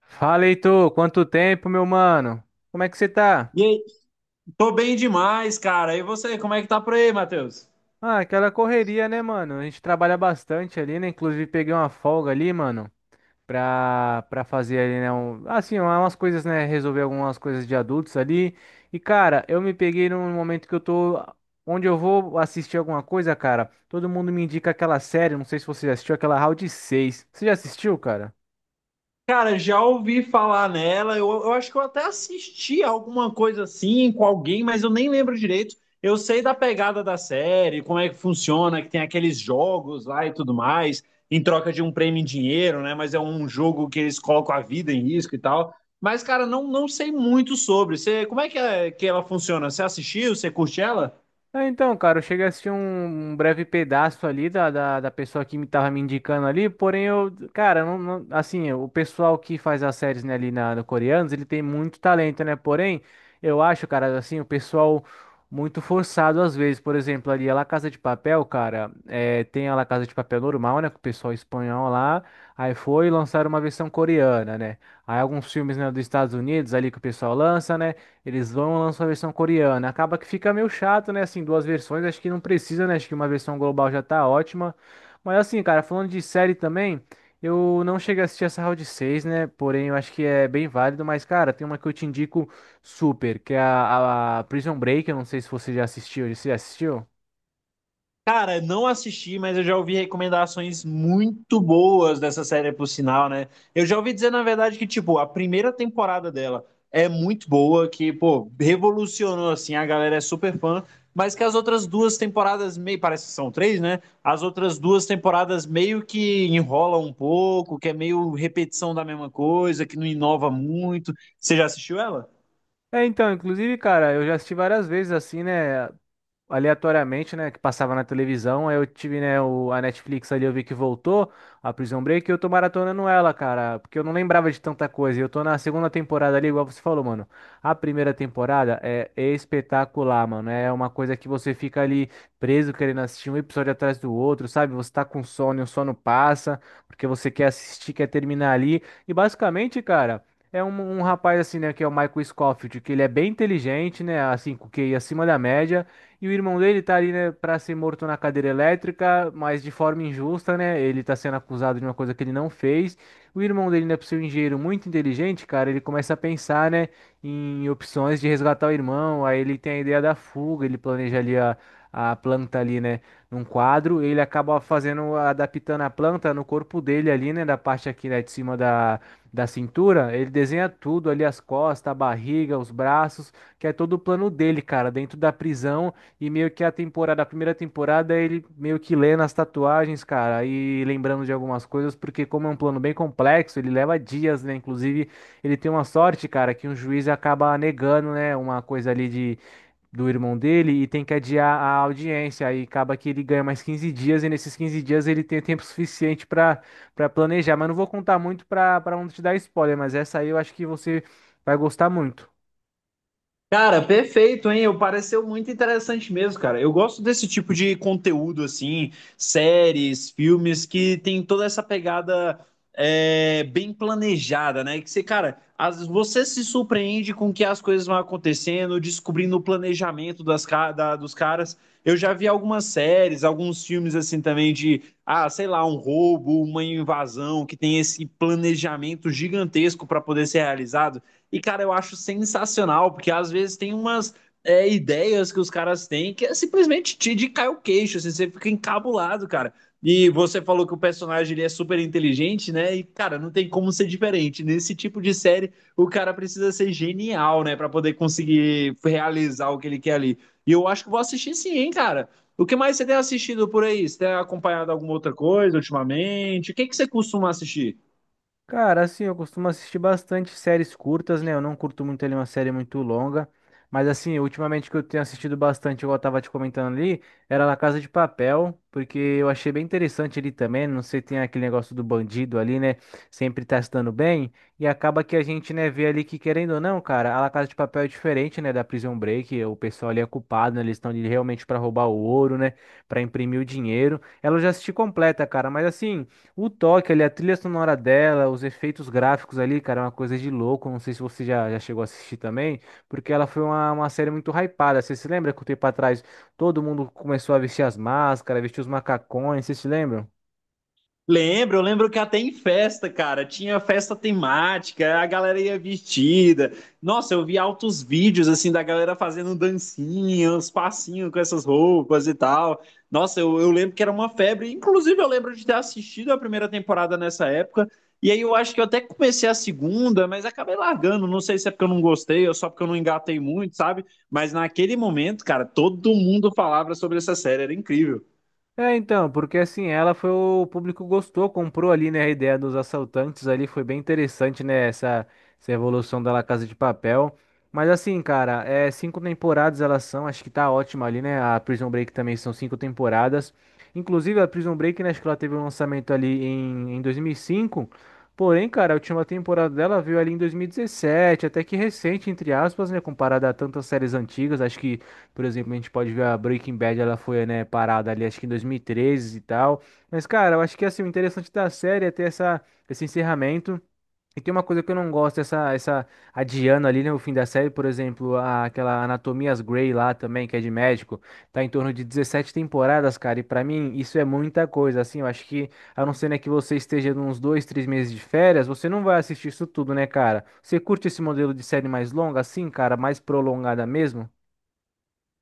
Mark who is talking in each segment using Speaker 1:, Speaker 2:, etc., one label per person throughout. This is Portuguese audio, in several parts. Speaker 1: Fala, Heitor, quanto tempo, meu mano? Como é que você tá?
Speaker 2: E aí, tô bem demais, cara. E você, como é que tá por aí, Matheus?
Speaker 1: Ah, aquela correria, né, mano? A gente trabalha bastante ali, né? Inclusive peguei uma folga ali, mano, pra fazer ali, né? Umas coisas, né? Resolver algumas coisas de adultos ali. E, cara, eu me peguei num momento que eu tô. Onde eu vou assistir alguma coisa, cara. Todo mundo me indica aquela série, não sei se você já assistiu, aquela Round 6. Você já assistiu, cara?
Speaker 2: Cara, já ouvi falar nela. Eu acho que eu até assisti alguma coisa assim com alguém, mas eu nem lembro direito. Eu sei da pegada da série, como é que funciona, que tem aqueles jogos lá e tudo mais, em troca de um prêmio em dinheiro, né? Mas é um jogo que eles colocam a vida em risco e tal. Mas, cara, não sei muito sobre. Você, como é que ela funciona? Você assistiu? Você curte ela?
Speaker 1: É, então, cara, eu cheguei a assistir um breve pedaço ali da pessoa que me tava me indicando ali, porém eu, cara, o pessoal que faz as séries, né, ali na, no coreanos, ele tem muito talento, né, porém, eu acho, cara, assim, o pessoal muito forçado às vezes, por exemplo, ali a La Casa de Papel, cara, é, tem a La Casa de Papel normal, né, com o pessoal espanhol lá, aí foi lançar uma versão coreana, né, aí alguns filmes, né, dos Estados Unidos ali que o pessoal lança, né, eles vão lançar a versão coreana. Acaba que fica meio chato, né? Assim, duas versões, acho que não precisa, né? Acho que uma versão global já tá ótima. Mas assim, cara, falando de série também, eu não cheguei a assistir essa Round 6, né? Porém, eu acho que é bem válido. Mas, cara, tem uma que eu te indico super, que é a Prison Break. Eu não sei se você já assistiu. Você já assistiu?
Speaker 2: Cara, não assisti, mas eu já ouvi recomendações muito boas dessa série, por sinal, né? Eu já ouvi dizer, na verdade, que, tipo, a primeira temporada dela é muito boa, que, pô, revolucionou, assim, a galera é super fã, mas que as outras duas temporadas, meio, parece que são três, né? As outras duas temporadas meio que enrolam um pouco, que é meio repetição da mesma coisa, que não inova muito. Você já assistiu ela?
Speaker 1: É, então, inclusive, cara, eu já assisti várias vezes, assim, né? Aleatoriamente, né, que passava na televisão. Aí eu tive, né, a Netflix ali, eu vi que voltou a Prison Break e eu tô maratonando ela, cara, porque eu não lembrava de tanta coisa. E eu tô na segunda temporada ali, igual você falou, mano. A primeira temporada é espetacular, mano. É uma coisa que você fica ali preso querendo assistir um episódio atrás do outro, sabe? Você tá com sono e o sono passa, porque você quer assistir, quer terminar ali. E basicamente, cara. É um rapaz assim, né, que é o Michael Scofield, que ele é bem inteligente, né, assim, com QI acima da média, e o irmão dele tá ali, né, pra ser morto na cadeira elétrica, mas de forma injusta, né? Ele tá sendo acusado de uma coisa que ele não fez. O irmão dele, né, por ser um engenheiro muito inteligente, cara, ele começa a pensar, né, em opções de resgatar o irmão. Aí ele tem a ideia da fuga, ele planeja ali a planta ali, né, num quadro. Ele acaba fazendo, adaptando a planta no corpo dele ali, né, da parte aqui, né, de cima da, da cintura. Ele desenha tudo ali, as costas, a barriga, os braços, que é todo o plano dele, cara, dentro da prisão e meio que a temporada, a primeira temporada, ele meio que lê nas tatuagens, cara, e lembrando de algumas coisas, porque como é um plano bem complexo, ele leva dias, né? Inclusive, ele tem uma sorte, cara, que um juiz acaba negando, né, uma coisa ali de do irmão dele e tem que adiar a audiência, aí acaba que ele ganha mais 15 dias e nesses 15 dias ele tem tempo suficiente para planejar, mas não vou contar muito para não te dar spoiler, mas essa aí eu acho que você vai gostar muito.
Speaker 2: Cara, perfeito, hein? Eu pareceu muito interessante mesmo, cara. Eu gosto desse tipo de conteúdo, assim, séries, filmes que tem toda essa pegada bem planejada, né? Que você, cara, as, você se surpreende com que as coisas vão acontecendo, descobrindo o planejamento das, dos caras. Eu já vi algumas séries, alguns filmes, assim, também de, ah, sei lá, um roubo, uma invasão, que tem esse planejamento gigantesco para poder ser realizado. E, cara, eu acho sensacional, porque às vezes tem umas ideias que os caras têm que é simplesmente te de cai o queixo, assim, você fica encabulado, cara. E você falou que o personagem ele é super inteligente, né? E, cara, não tem como ser diferente. Nesse tipo de série, o cara precisa ser genial, né? Pra poder conseguir realizar o que ele quer ali. E eu acho que vou assistir sim, hein, cara. O que mais você tem assistido por aí? Você tem acompanhado alguma outra coisa ultimamente? O que que você costuma assistir?
Speaker 1: Cara, assim, eu costumo assistir bastante séries curtas, né? Eu não curto muito ali uma série muito longa. Mas assim, ultimamente que eu tenho assistido bastante, igual eu tava te comentando ali, era La Casa de Papel, porque eu achei bem interessante ali também. Não sei, tem aquele negócio do bandido ali, né? Sempre tá se dando bem. E acaba que a gente, né, vê ali que, querendo ou não, cara, a La Casa de Papel é diferente, né, da Prison Break. O pessoal ali é culpado, né? Eles estão ali realmente pra roubar o ouro, né? Pra imprimir o dinheiro. Ela eu já assisti completa, cara, mas assim. O toque ali, a trilha sonora dela, os efeitos gráficos ali, cara, é uma coisa de louco. Não sei se você já chegou a assistir também, porque ela foi uma série muito hypada. Você se lembra que um tempo atrás todo mundo começou a vestir as máscaras, vestir os macacões, você se lembra?
Speaker 2: Lembro, eu lembro que até em festa, cara, tinha festa temática, a galera ia vestida. Nossa, eu vi altos vídeos assim da galera fazendo dancinha, uns passinhos com essas roupas e tal. Nossa, eu lembro que era uma febre. Inclusive, eu lembro de ter assistido a primeira temporada nessa época. E aí eu acho que eu até comecei a segunda, mas acabei largando. Não sei se é porque eu não gostei ou só porque eu não engatei muito, sabe? Mas naquele momento, cara, todo mundo falava sobre essa série, era incrível.
Speaker 1: É, então, porque assim, ela foi o público gostou, comprou ali, né, a ideia dos assaltantes ali, foi bem interessante, né, essa evolução da La Casa de Papel. Mas assim, cara, é cinco temporadas elas são, acho que tá ótima ali, né? A Prison Break também são cinco temporadas. Inclusive a Prison Break, né, acho que ela teve um lançamento ali em 2005. Porém, cara, a última temporada dela veio ali em 2017, até que recente, entre aspas, né, comparada a tantas séries antigas, acho que por exemplo, a gente pode ver a Breaking Bad, ela foi, né, parada ali, acho que em 2013 e treze e tal. Mas, cara, eu acho que, assim, o interessante da série é ter esse encerramento. E tem uma coisa que eu não gosto, essa adiando ali, né, o fim da série, por exemplo, aquela Anatomias Grey lá também, que é de médico, tá em torno de 17 temporadas, cara, e pra mim isso é muita coisa, assim, eu acho que, a não ser, né, que você esteja nos dois, três meses de férias, você não vai assistir isso tudo, né, cara? Você curte esse modelo de série mais longa, assim, cara, mais prolongada mesmo?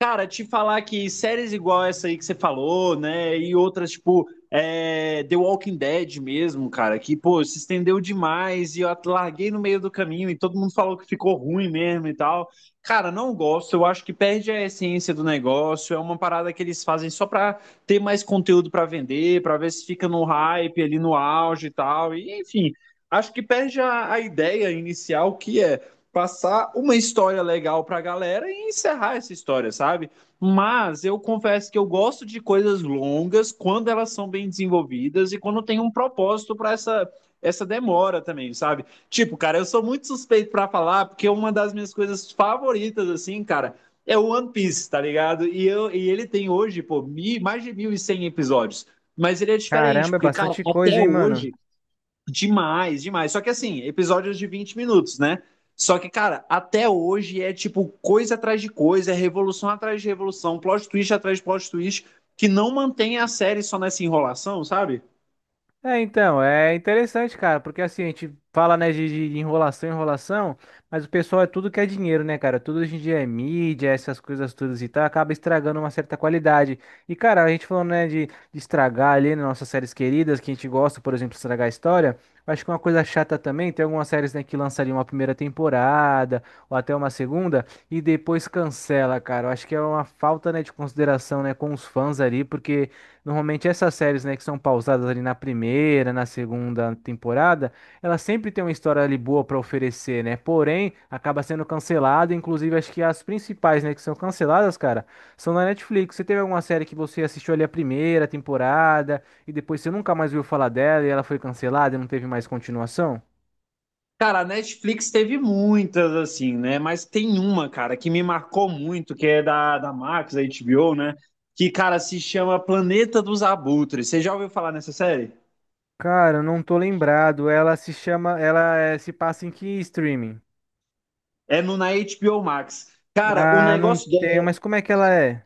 Speaker 2: Cara, te falar que séries igual essa aí que você falou, né? E outras, tipo, é, The Walking Dead mesmo, cara, que, pô, se estendeu demais e eu larguei no meio do caminho e todo mundo falou que ficou ruim mesmo e tal. Cara, não gosto, eu acho que perde a essência do negócio, é uma parada que eles fazem só pra ter mais conteúdo pra vender, pra ver se fica no hype ali no auge e tal. E, enfim, acho que perde a ideia inicial que é passar uma história legal pra galera e encerrar essa história, sabe? Mas eu confesso que eu gosto de coisas longas quando elas são bem desenvolvidas e quando tem um propósito para essa demora também, sabe? Tipo, cara, eu sou muito suspeito pra falar porque uma das minhas coisas favoritas assim, cara, é o One Piece, tá ligado? E, eu, e ele tem hoje, pô, mais de 1.100 episódios. Mas ele é diferente,
Speaker 1: Caramba, é
Speaker 2: porque, cara,
Speaker 1: bastante
Speaker 2: até
Speaker 1: coisa, hein, mano?
Speaker 2: hoje. Demais, demais. Só que assim, episódios de 20 minutos, né? Só que, cara, até hoje é tipo coisa atrás de coisa, é revolução atrás de revolução, plot twist atrás de plot twist, que não mantém a série só nessa enrolação, sabe?
Speaker 1: É, então, é interessante, cara, porque assim, a gente fala, né, de enrolação, enrolação, mas o pessoal é tudo que é dinheiro, né, cara? Tudo hoje em dia é mídia, essas coisas todas e tal, acaba estragando uma certa qualidade. E, cara, a gente falando, né, de estragar ali nas nossas séries queridas, que a gente gosta, por exemplo, estragar a história, eu acho que é uma coisa chata também, tem algumas séries, né, que lançam ali uma primeira temporada, ou até uma segunda, e depois cancela, cara. Eu acho que é uma falta, né, de consideração, né, com os fãs ali, porque. Normalmente essas séries, né, que são pausadas ali na primeira, na segunda temporada, elas sempre têm uma história ali boa para oferecer, né? Porém, acaba sendo cancelada. Inclusive, acho que as principais, né, que são canceladas, cara, são na Netflix. Você teve alguma série que você assistiu ali a primeira temporada e depois você nunca mais ouviu falar dela e ela foi cancelada e não teve mais continuação?
Speaker 2: Cara, a Netflix teve muitas, assim, né? Mas tem uma, cara, que me marcou muito, que é da, da Max, da HBO, né? Que, cara, se chama Planeta dos Abutres. Você já ouviu falar nessa série?
Speaker 1: Cara, eu não tô lembrado. Ela se chama. Ela se passa em que streaming?
Speaker 2: É no, na HBO Max. Cara, o
Speaker 1: Ah, não
Speaker 2: negócio
Speaker 1: tenho,
Speaker 2: dela.
Speaker 1: mas como é que ela é?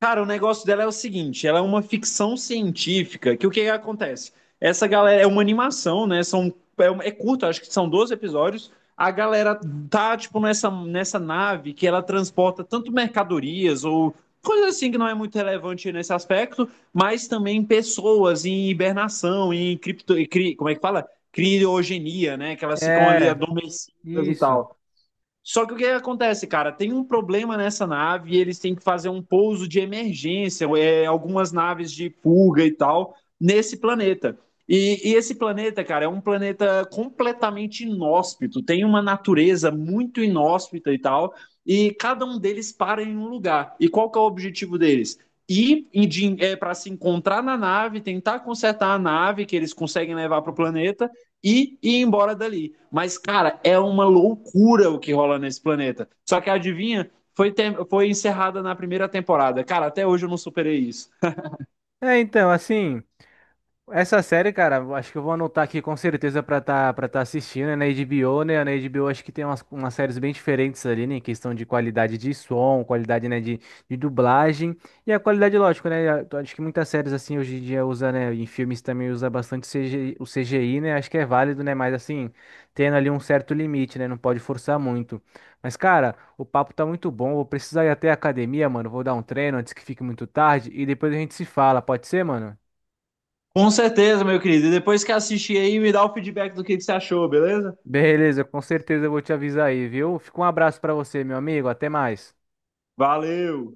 Speaker 2: Cara, o negócio dela é o seguinte, ela é uma ficção científica, que o que que acontece? Essa galera é uma animação, né? São, é, um- é curto, acho que são 12 episódios. A galera tá, tipo, nessa nave que ela transporta tanto mercadorias ou coisa assim que não é muito relevante nesse aspecto, mas também pessoas em hibernação, em cripto, e cri- como é que fala? Criogenia, né? Que elas ficam ali
Speaker 1: É,
Speaker 2: adormecidas e
Speaker 1: isso.
Speaker 2: tal. Só que o que acontece, cara? Tem um problema nessa nave e eles têm que fazer um pouso de emergência, é, algumas naves de fuga e tal, nesse planeta. E esse planeta, cara, é um planeta completamente inóspito, tem uma natureza muito inóspita e tal, e cada um deles para em um lugar. E qual que é o objetivo deles? Ir em- de- é, para se encontrar na nave, tentar consertar a nave que eles conseguem levar para o planeta e ir embora dali. Mas, cara, é uma loucura o que rola nesse planeta. Só que adivinha, foi, ter... foi encerrada na primeira temporada. Cara, até hoje eu não superei isso.
Speaker 1: É, então, assim. Essa série, cara, eu acho que eu vou anotar aqui com certeza pra tá assistindo, né? Na HBO, né? Na HBO acho que tem umas séries bem diferentes ali, né? Em questão de qualidade de som, qualidade, né, de dublagem e a qualidade, lógico, né? a- eu Acho que muitas séries, assim, hoje em dia usa, né? Em filmes também usa bastante CGI, o CGI, né? Acho que é válido, né? Mas, assim, tendo ali um certo limite, né? Não pode forçar muito. Mas, cara, o papo tá muito bom. Vou precisar ir até a academia, mano. Vou dar um treino antes que fique muito tarde e depois a gente se fala. Pode ser, mano?
Speaker 2: Com certeza, meu querido. E depois que assistir aí, me dá o feedback do que você achou, beleza?
Speaker 1: Beleza, com certeza eu vou te avisar aí, viu? Fica um abraço pra você, meu amigo. Até mais.
Speaker 2: Valeu!